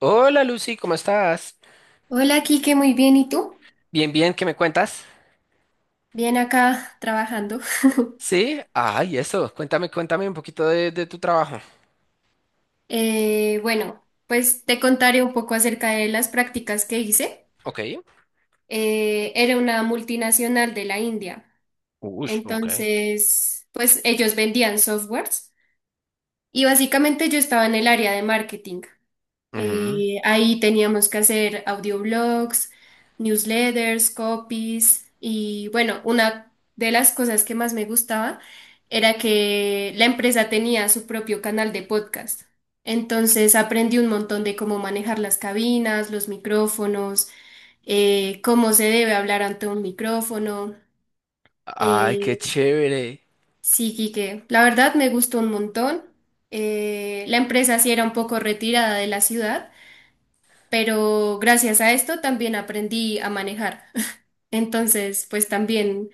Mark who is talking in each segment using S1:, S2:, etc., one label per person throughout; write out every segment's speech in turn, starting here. S1: Hola, Lucy, ¿cómo estás?
S2: Hola, Kike, muy bien. ¿Y tú?
S1: Bien, bien, ¿qué me cuentas?
S2: Bien acá trabajando.
S1: Sí, ay, eso, cuéntame, cuéntame un poquito de tu trabajo.
S2: Bueno, pues te contaré un poco acerca de las prácticas que hice.
S1: Ok.
S2: Era una multinacional de la India.
S1: Ush, ok.
S2: Entonces, pues ellos vendían softwares y básicamente yo estaba en el área de marketing.
S1: Ujú.
S2: Ahí teníamos que hacer audioblogs, newsletters, copies y bueno, una de las cosas que más me gustaba era que la empresa tenía su propio canal de podcast. Entonces aprendí un montón de cómo manejar las cabinas, los micrófonos, cómo se debe hablar ante un micrófono.
S1: Ay, qué
S2: Eh,
S1: chévere.
S2: sí, Quique, la verdad me gustó un montón. La empresa sí era un poco retirada de la ciudad, pero gracias a esto también aprendí a manejar. Entonces, pues también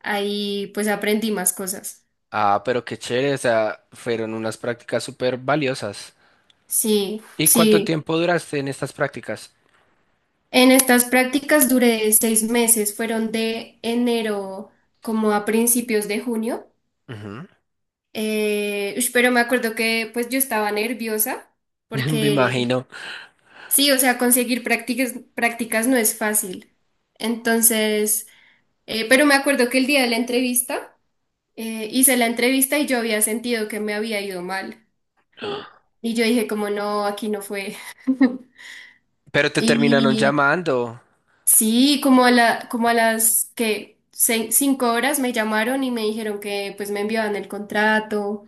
S2: ahí pues aprendí más cosas.
S1: Ah, pero qué chévere, o sea, fueron unas prácticas súper valiosas.
S2: Sí,
S1: ¿Y cuánto
S2: sí.
S1: tiempo duraste en estas prácticas?
S2: En estas prácticas duré 6 meses, fueron de enero como a principios de junio.
S1: Ujú.
S2: Ush, pero me acuerdo que pues yo estaba nerviosa
S1: Me
S2: porque
S1: imagino.
S2: sí, o sea, conseguir prácticas no es fácil. Entonces, pero me acuerdo que el día de la entrevista, hice la entrevista y yo había sentido que me había ido mal. Y yo dije como no, aquí no fue.
S1: Pero te terminaron
S2: Y
S1: llamando.
S2: sí, como a las que 5 horas me llamaron y me dijeron que pues me enviaban el contrato.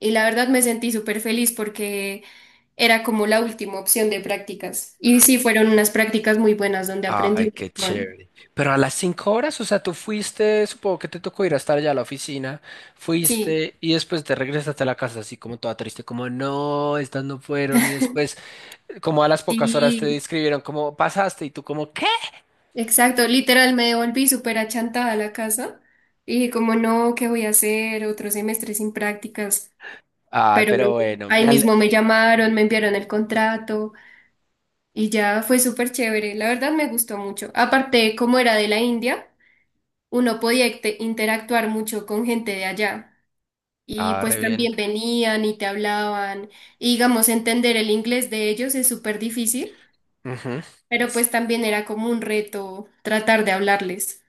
S2: Y la verdad me sentí súper feliz porque era como la última opción de prácticas. Y sí, fueron unas prácticas muy buenas donde aprendí
S1: Ay,
S2: un
S1: qué
S2: montón.
S1: chévere. Pero a las cinco horas, o sea, tú fuiste, supongo que te tocó ir a estar allá a la oficina,
S2: Sí,
S1: fuiste y después te regresaste a la casa así como toda triste, como no, estas no fueron y después como a las pocas horas te
S2: sí.
S1: describieron cómo pasaste y tú como ¿qué?
S2: Exacto, literal me devolví súper achantada a la casa y dije como no, ¿qué voy a hacer? Otro semestre sin prácticas,
S1: Ay,
S2: pero
S1: pero
S2: no,
S1: bueno,
S2: ahí mismo me llamaron, me enviaron el contrato y ya fue súper chévere, la verdad me gustó mucho. Aparte, como era de la India, uno podía interactuar mucho con gente de allá y
S1: ah,
S2: pues
S1: re bien.
S2: también venían y te hablaban y digamos entender el inglés de ellos es súper difícil,
S1: Ujú.
S2: pero pues también era como un reto tratar de hablarles.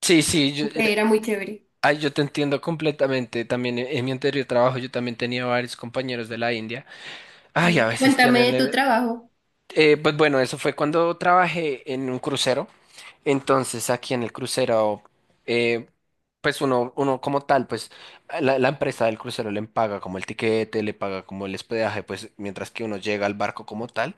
S1: Sí, sí,
S2: Entonces, era muy chévere.
S1: ay, yo te entiendo completamente. También en mi anterior trabajo yo también tenía varios compañeros de la India. Ay, a
S2: Sí.
S1: veces
S2: Cuéntame de tu trabajo.
S1: pues bueno, eso fue cuando trabajé en un crucero. Entonces, aquí en el crucero, eh, pues uno, uno como tal, pues la empresa del crucero le paga como el tiquete, le paga como el hospedaje, pues mientras que uno llega al barco como tal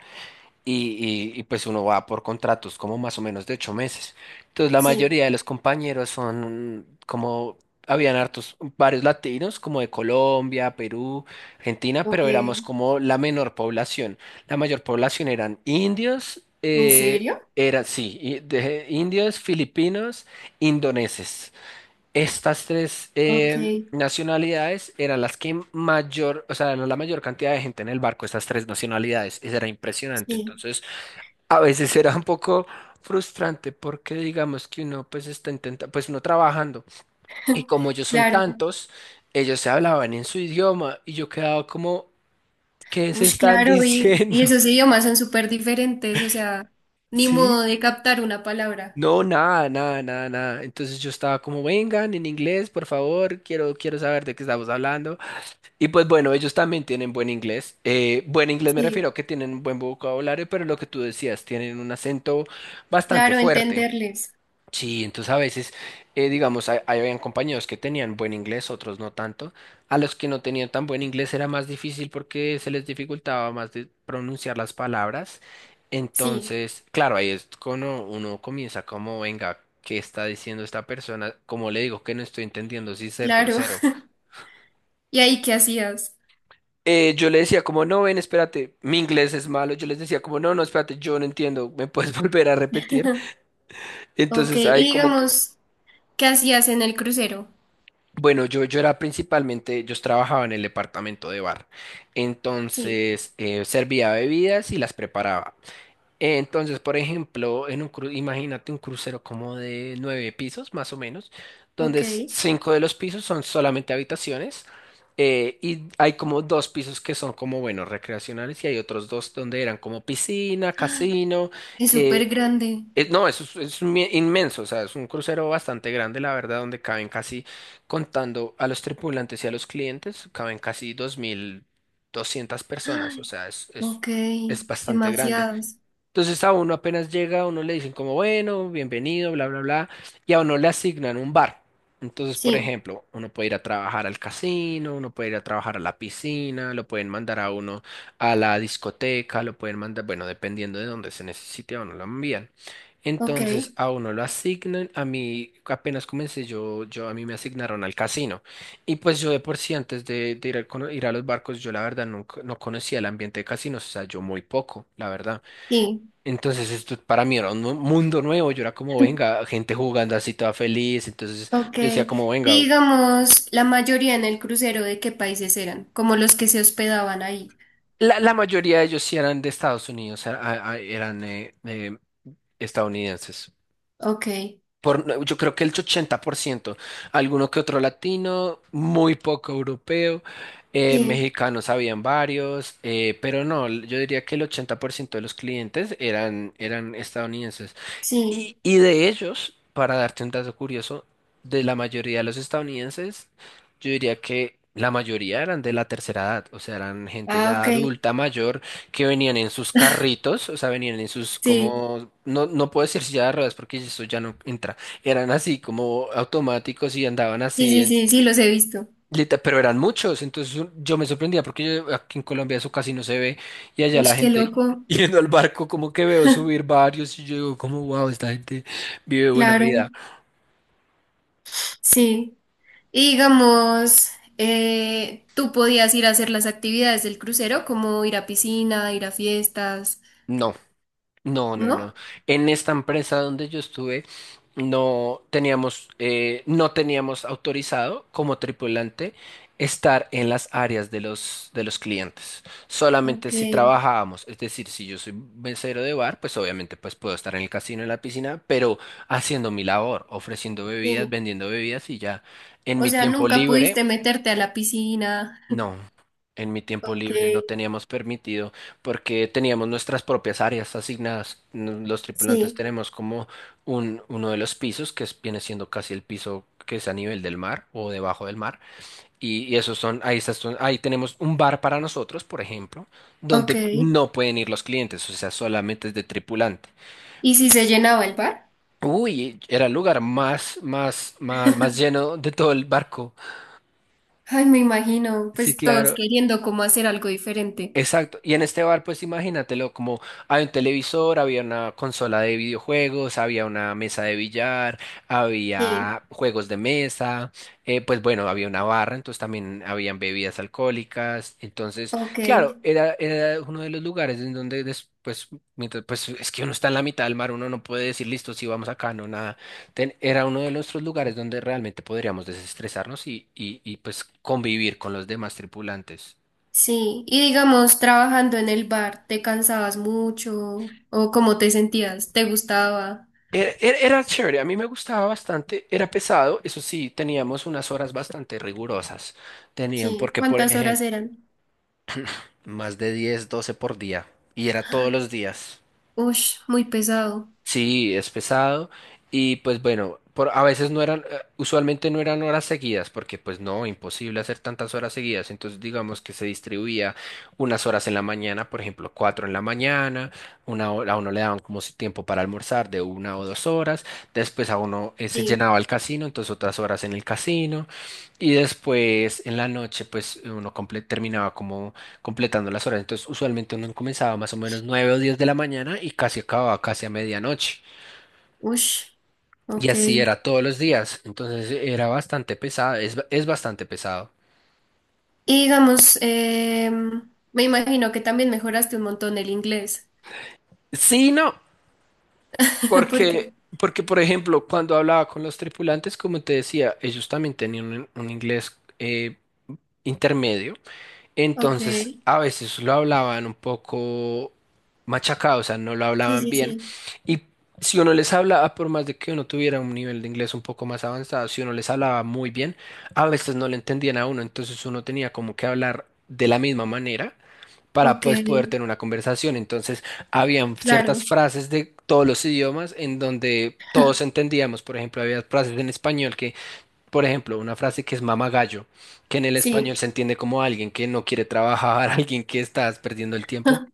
S1: y pues uno va por contratos como más o menos de 8 meses. Entonces la
S2: Sí,
S1: mayoría de los compañeros son como, habían hartos, varios latinos como de Colombia, Perú, Argentina,
S2: ok.
S1: pero éramos como la menor población. La mayor población eran indios,
S2: ¿En serio?
S1: era, sí, indios, filipinos, indoneses. Estas tres
S2: Ok,
S1: nacionalidades eran las que mayor, o sea, eran la mayor cantidad de gente en el barco, estas tres nacionalidades. Eso era impresionante.
S2: sí,
S1: Entonces, a veces era un poco frustrante porque digamos que uno pues está intentando, pues uno trabajando y como ellos son
S2: claro.
S1: tantos, ellos se hablaban en su idioma y yo quedaba como, ¿qué se
S2: Uy,
S1: están
S2: claro, y
S1: diciendo?
S2: esos idiomas son súper diferentes, o sea, ni modo
S1: ¿Sí?
S2: de captar una palabra.
S1: No, nada, nada, nada, nada. Entonces yo estaba como, vengan en inglés, por favor, quiero, quiero saber de qué estamos hablando. Y pues bueno, ellos también tienen buen inglés. Buen inglés me refiero
S2: Sí,
S1: a que tienen buen vocabulario, pero lo que tú decías, tienen un acento bastante
S2: claro,
S1: fuerte.
S2: entenderles.
S1: Sí, entonces a veces, digamos, habían compañeros que tenían buen inglés, otros no tanto. A los que no tenían tan buen inglés era más difícil porque se les dificultaba más de pronunciar las palabras.
S2: Sí,
S1: Entonces, claro, ahí es cuando uno comienza como, venga, ¿qué está diciendo esta persona? Como le digo que no estoy entendiendo si ser
S2: claro.
S1: grosero.
S2: ¿Y ahí qué hacías?
S1: Yo le decía como, no, ven, espérate, mi inglés es malo. Yo les decía como, no, no, espérate, yo no entiendo, ¿me puedes volver a repetir?
S2: Ok,
S1: Entonces
S2: y
S1: ahí como
S2: digamos, ¿qué hacías en el crucero?
S1: bueno, yo era principalmente, yo trabajaba en el departamento de bar,
S2: Sí,
S1: entonces servía bebidas y las preparaba. Entonces, por ejemplo, imagínate un crucero como de nueve pisos, más o menos,
S2: ok.
S1: donde cinco de los pisos son solamente habitaciones, y hay como dos pisos que son como, bueno, recreacionales y hay otros dos donde eran como piscina,
S2: Ay,
S1: casino.
S2: es súper
S1: eh,
S2: grande.
S1: No, eso es, inmenso, o sea, es un crucero bastante grande, la verdad, donde caben casi, contando a los tripulantes y a los clientes, caben casi dos mil doscientas personas, o
S2: Ay,
S1: sea,
S2: ok,
S1: es bastante grande.
S2: demasiados.
S1: Entonces a uno apenas llega, a uno le dicen como, bueno, bienvenido, bla, bla, bla, y a uno le asignan un bar. Entonces, por
S2: Sí,
S1: ejemplo, uno puede ir a trabajar al casino, uno puede ir a trabajar a la piscina, lo pueden mandar a uno a la discoteca, lo pueden mandar, bueno, dependiendo de dónde se necesite, a uno lo envían.
S2: ok,
S1: Entonces a uno lo asignan, a mí apenas comencé, yo a mí me asignaron al casino. Y pues yo de por sí antes de ir, ir a los barcos, yo la verdad nunca, no conocía el ambiente de casinos, o sea, yo muy poco, la verdad.
S2: sí.
S1: Entonces esto para mí era un mundo nuevo, yo era como, venga, gente jugando así toda feliz, entonces
S2: Ok.
S1: yo decía como,
S2: Y
S1: venga,
S2: digamos, la mayoría en el crucero, ¿de qué países eran? Como los que se hospedaban ahí.
S1: la mayoría de ellos sí eran de Estados Unidos, eran estadounidenses.
S2: Ok.
S1: Por, yo creo que el 80%, alguno que otro latino, muy poco europeo,
S2: Sí,
S1: mexicanos habían varios, pero no, yo diría que el 80% de los clientes eran, eran estadounidenses.
S2: sí.
S1: Y de ellos, para darte un dato curioso, de la mayoría de los estadounidenses, yo diría que la mayoría eran de la tercera edad, o sea, eran gente
S2: Ah,
S1: ya
S2: ok.
S1: adulta, mayor, que venían en sus carritos, o sea, venían en sus
S2: Sí.
S1: como, no, no puedo decir silla de ruedas porque eso ya no entra, eran así como automáticos y andaban
S2: Sí,
S1: así,
S2: sí, sí, sí, los he visto.
S1: Pero eran muchos, entonces yo me sorprendía porque aquí en Colombia eso casi no se ve y allá
S2: Uy,
S1: la
S2: qué
S1: gente
S2: loco.
S1: yendo al barco como que veo subir varios y yo digo como wow, esta gente vive buena
S2: Claro.
S1: vida.
S2: Sí. Y digamos, tú podías ir a hacer las actividades del crucero, como ir a piscina, ir a fiestas,
S1: No. No, no, no.
S2: ¿no?
S1: En esta empresa donde yo estuve, no teníamos, no teníamos autorizado como tripulante estar en las áreas de los clientes. Solamente
S2: Ok.
S1: si trabajábamos, es decir, si yo soy mesero de bar, pues obviamente pues puedo estar en el casino, en la piscina, pero haciendo mi labor, ofreciendo bebidas,
S2: Sí.
S1: vendiendo bebidas y ya. En
S2: O
S1: mi
S2: sea,
S1: tiempo
S2: nunca
S1: libre
S2: pudiste meterte a la piscina.
S1: no, en mi tiempo
S2: Ok.
S1: libre no teníamos permitido porque teníamos nuestras propias áreas asignadas. Los tripulantes
S2: Sí.
S1: tenemos como uno de los pisos que viene siendo casi el piso que es a nivel del mar o debajo del mar. Y esos son, ahí, ahí tenemos un bar para nosotros, por ejemplo,
S2: Ok.
S1: donde no pueden ir los clientes, o sea, solamente es de tripulante.
S2: ¿Y si se llenaba el bar?
S1: Uy, era el lugar más, más, más, más lleno de todo el barco.
S2: Ay, me imagino,
S1: Sí,
S2: pues todos
S1: claro.
S2: queriendo como hacer algo diferente.
S1: Exacto, y en este bar pues imagínatelo, como había un televisor, había una consola de videojuegos, había una mesa de billar,
S2: Sí,
S1: había juegos de mesa, pues bueno, había una barra, entonces también habían bebidas alcohólicas, entonces
S2: ok,
S1: claro, era uno de los lugares en donde después, mientras, pues es que uno está en la mitad del mar, uno no puede decir listo, sí vamos acá, no nada, era uno de nuestros lugares donde realmente podríamos desestresarnos y pues convivir con los demás tripulantes.
S2: sí. Y digamos, trabajando en el bar, ¿te cansabas mucho? ¿O cómo te sentías? ¿Te gustaba?
S1: Era chévere, a mí me gustaba bastante, era pesado, eso sí, teníamos unas horas bastante rigurosas. Tenían,
S2: Sí,
S1: porque por
S2: ¿cuántas horas
S1: ejemplo,
S2: eran?
S1: más de 10 12 por día, y era todos los días.
S2: Ush, muy pesado.
S1: Sí, es pesado y pues bueno, por, a veces no eran, usualmente no eran horas seguidas porque pues no, imposible hacer tantas horas seguidas, entonces digamos que se distribuía unas horas en la mañana, por ejemplo, 4 en la mañana, una hora, a uno le daban como si tiempo para almorzar de 1 o 2 horas, después a uno se
S2: Sí,
S1: llenaba el casino, entonces otras horas en el casino y después en la noche pues uno terminaba como completando las horas. Entonces, usualmente uno comenzaba más o menos 9 o 10 de la mañana y casi acababa casi a medianoche.
S2: ush,
S1: Y
S2: ok.
S1: así
S2: Y
S1: era todos los días. Entonces, era bastante pesado, es bastante pesado.
S2: digamos, me imagino que también mejoraste un montón el inglés.
S1: Sí, no,
S2: Porque,
S1: porque, por ejemplo, cuando hablaba con los tripulantes, como te decía, ellos también tenían un inglés intermedio.
S2: ok,
S1: Entonces,
S2: sí,
S1: a veces lo hablaban un poco machacado, o sea, no lo hablaban
S2: sí,
S1: bien.
S2: sí,
S1: Y si uno les hablaba, por más de que uno tuviera un nivel de inglés un poco más avanzado, si uno les hablaba muy bien, a veces no le entendían a uno, entonces uno tenía como que hablar de la misma manera para
S2: ok,
S1: pues poder tener una conversación. Entonces, habían ciertas
S2: claro,
S1: frases de todos los idiomas en donde todos entendíamos, por ejemplo, había frases en español que por ejemplo, una frase que es mama gallo, que en el español
S2: sí.
S1: se entiende como alguien que no quiere trabajar, alguien que estás perdiendo el tiempo.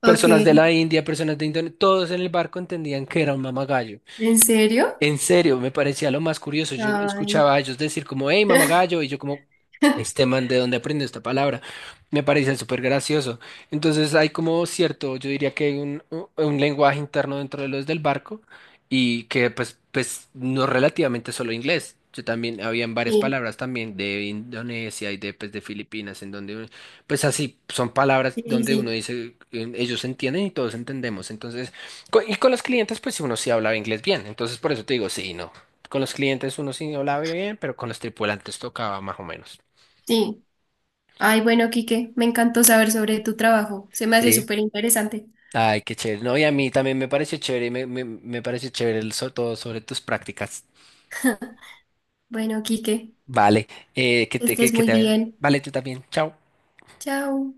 S2: Ok,
S1: Personas de la India, personas de Indonesia, todos en el barco entendían que era un mamagallo.
S2: ¿en serio?
S1: En serio, me parecía lo más curioso. Yo
S2: Ay.
S1: escuchaba a ellos decir como, hey, mamagallo, y yo como, este man, ¿de dónde aprendió esta palabra? Me parecía súper gracioso. Entonces hay como cierto, yo diría que hay un, un lenguaje interno dentro de los del barco y que pues, pues no relativamente solo inglés. Yo también, habían varias
S2: Sí,
S1: palabras también de Indonesia y de, pues, de Filipinas, en donde, pues así, son palabras
S2: sí, sí,
S1: donde uno
S2: sí.
S1: dice, ellos entienden y todos entendemos. Entonces... Y con los clientes, pues uno sí hablaba inglés bien. Entonces, por eso te digo, sí, y no. Con los clientes uno sí hablaba bien, pero con los tripulantes tocaba más o menos.
S2: sí. Ay, bueno, Quique, me encantó saber sobre tu trabajo. Se me hace
S1: Sí.
S2: súper interesante.
S1: Ay, qué chévere. No, y a mí también me pareció chévere, me pareció chévere todo sobre tus prácticas.
S2: Bueno, Quique,
S1: Vale,
S2: que estés
S1: que
S2: muy
S1: te,
S2: bien.
S1: vale, tú también. Chao.
S2: Chao.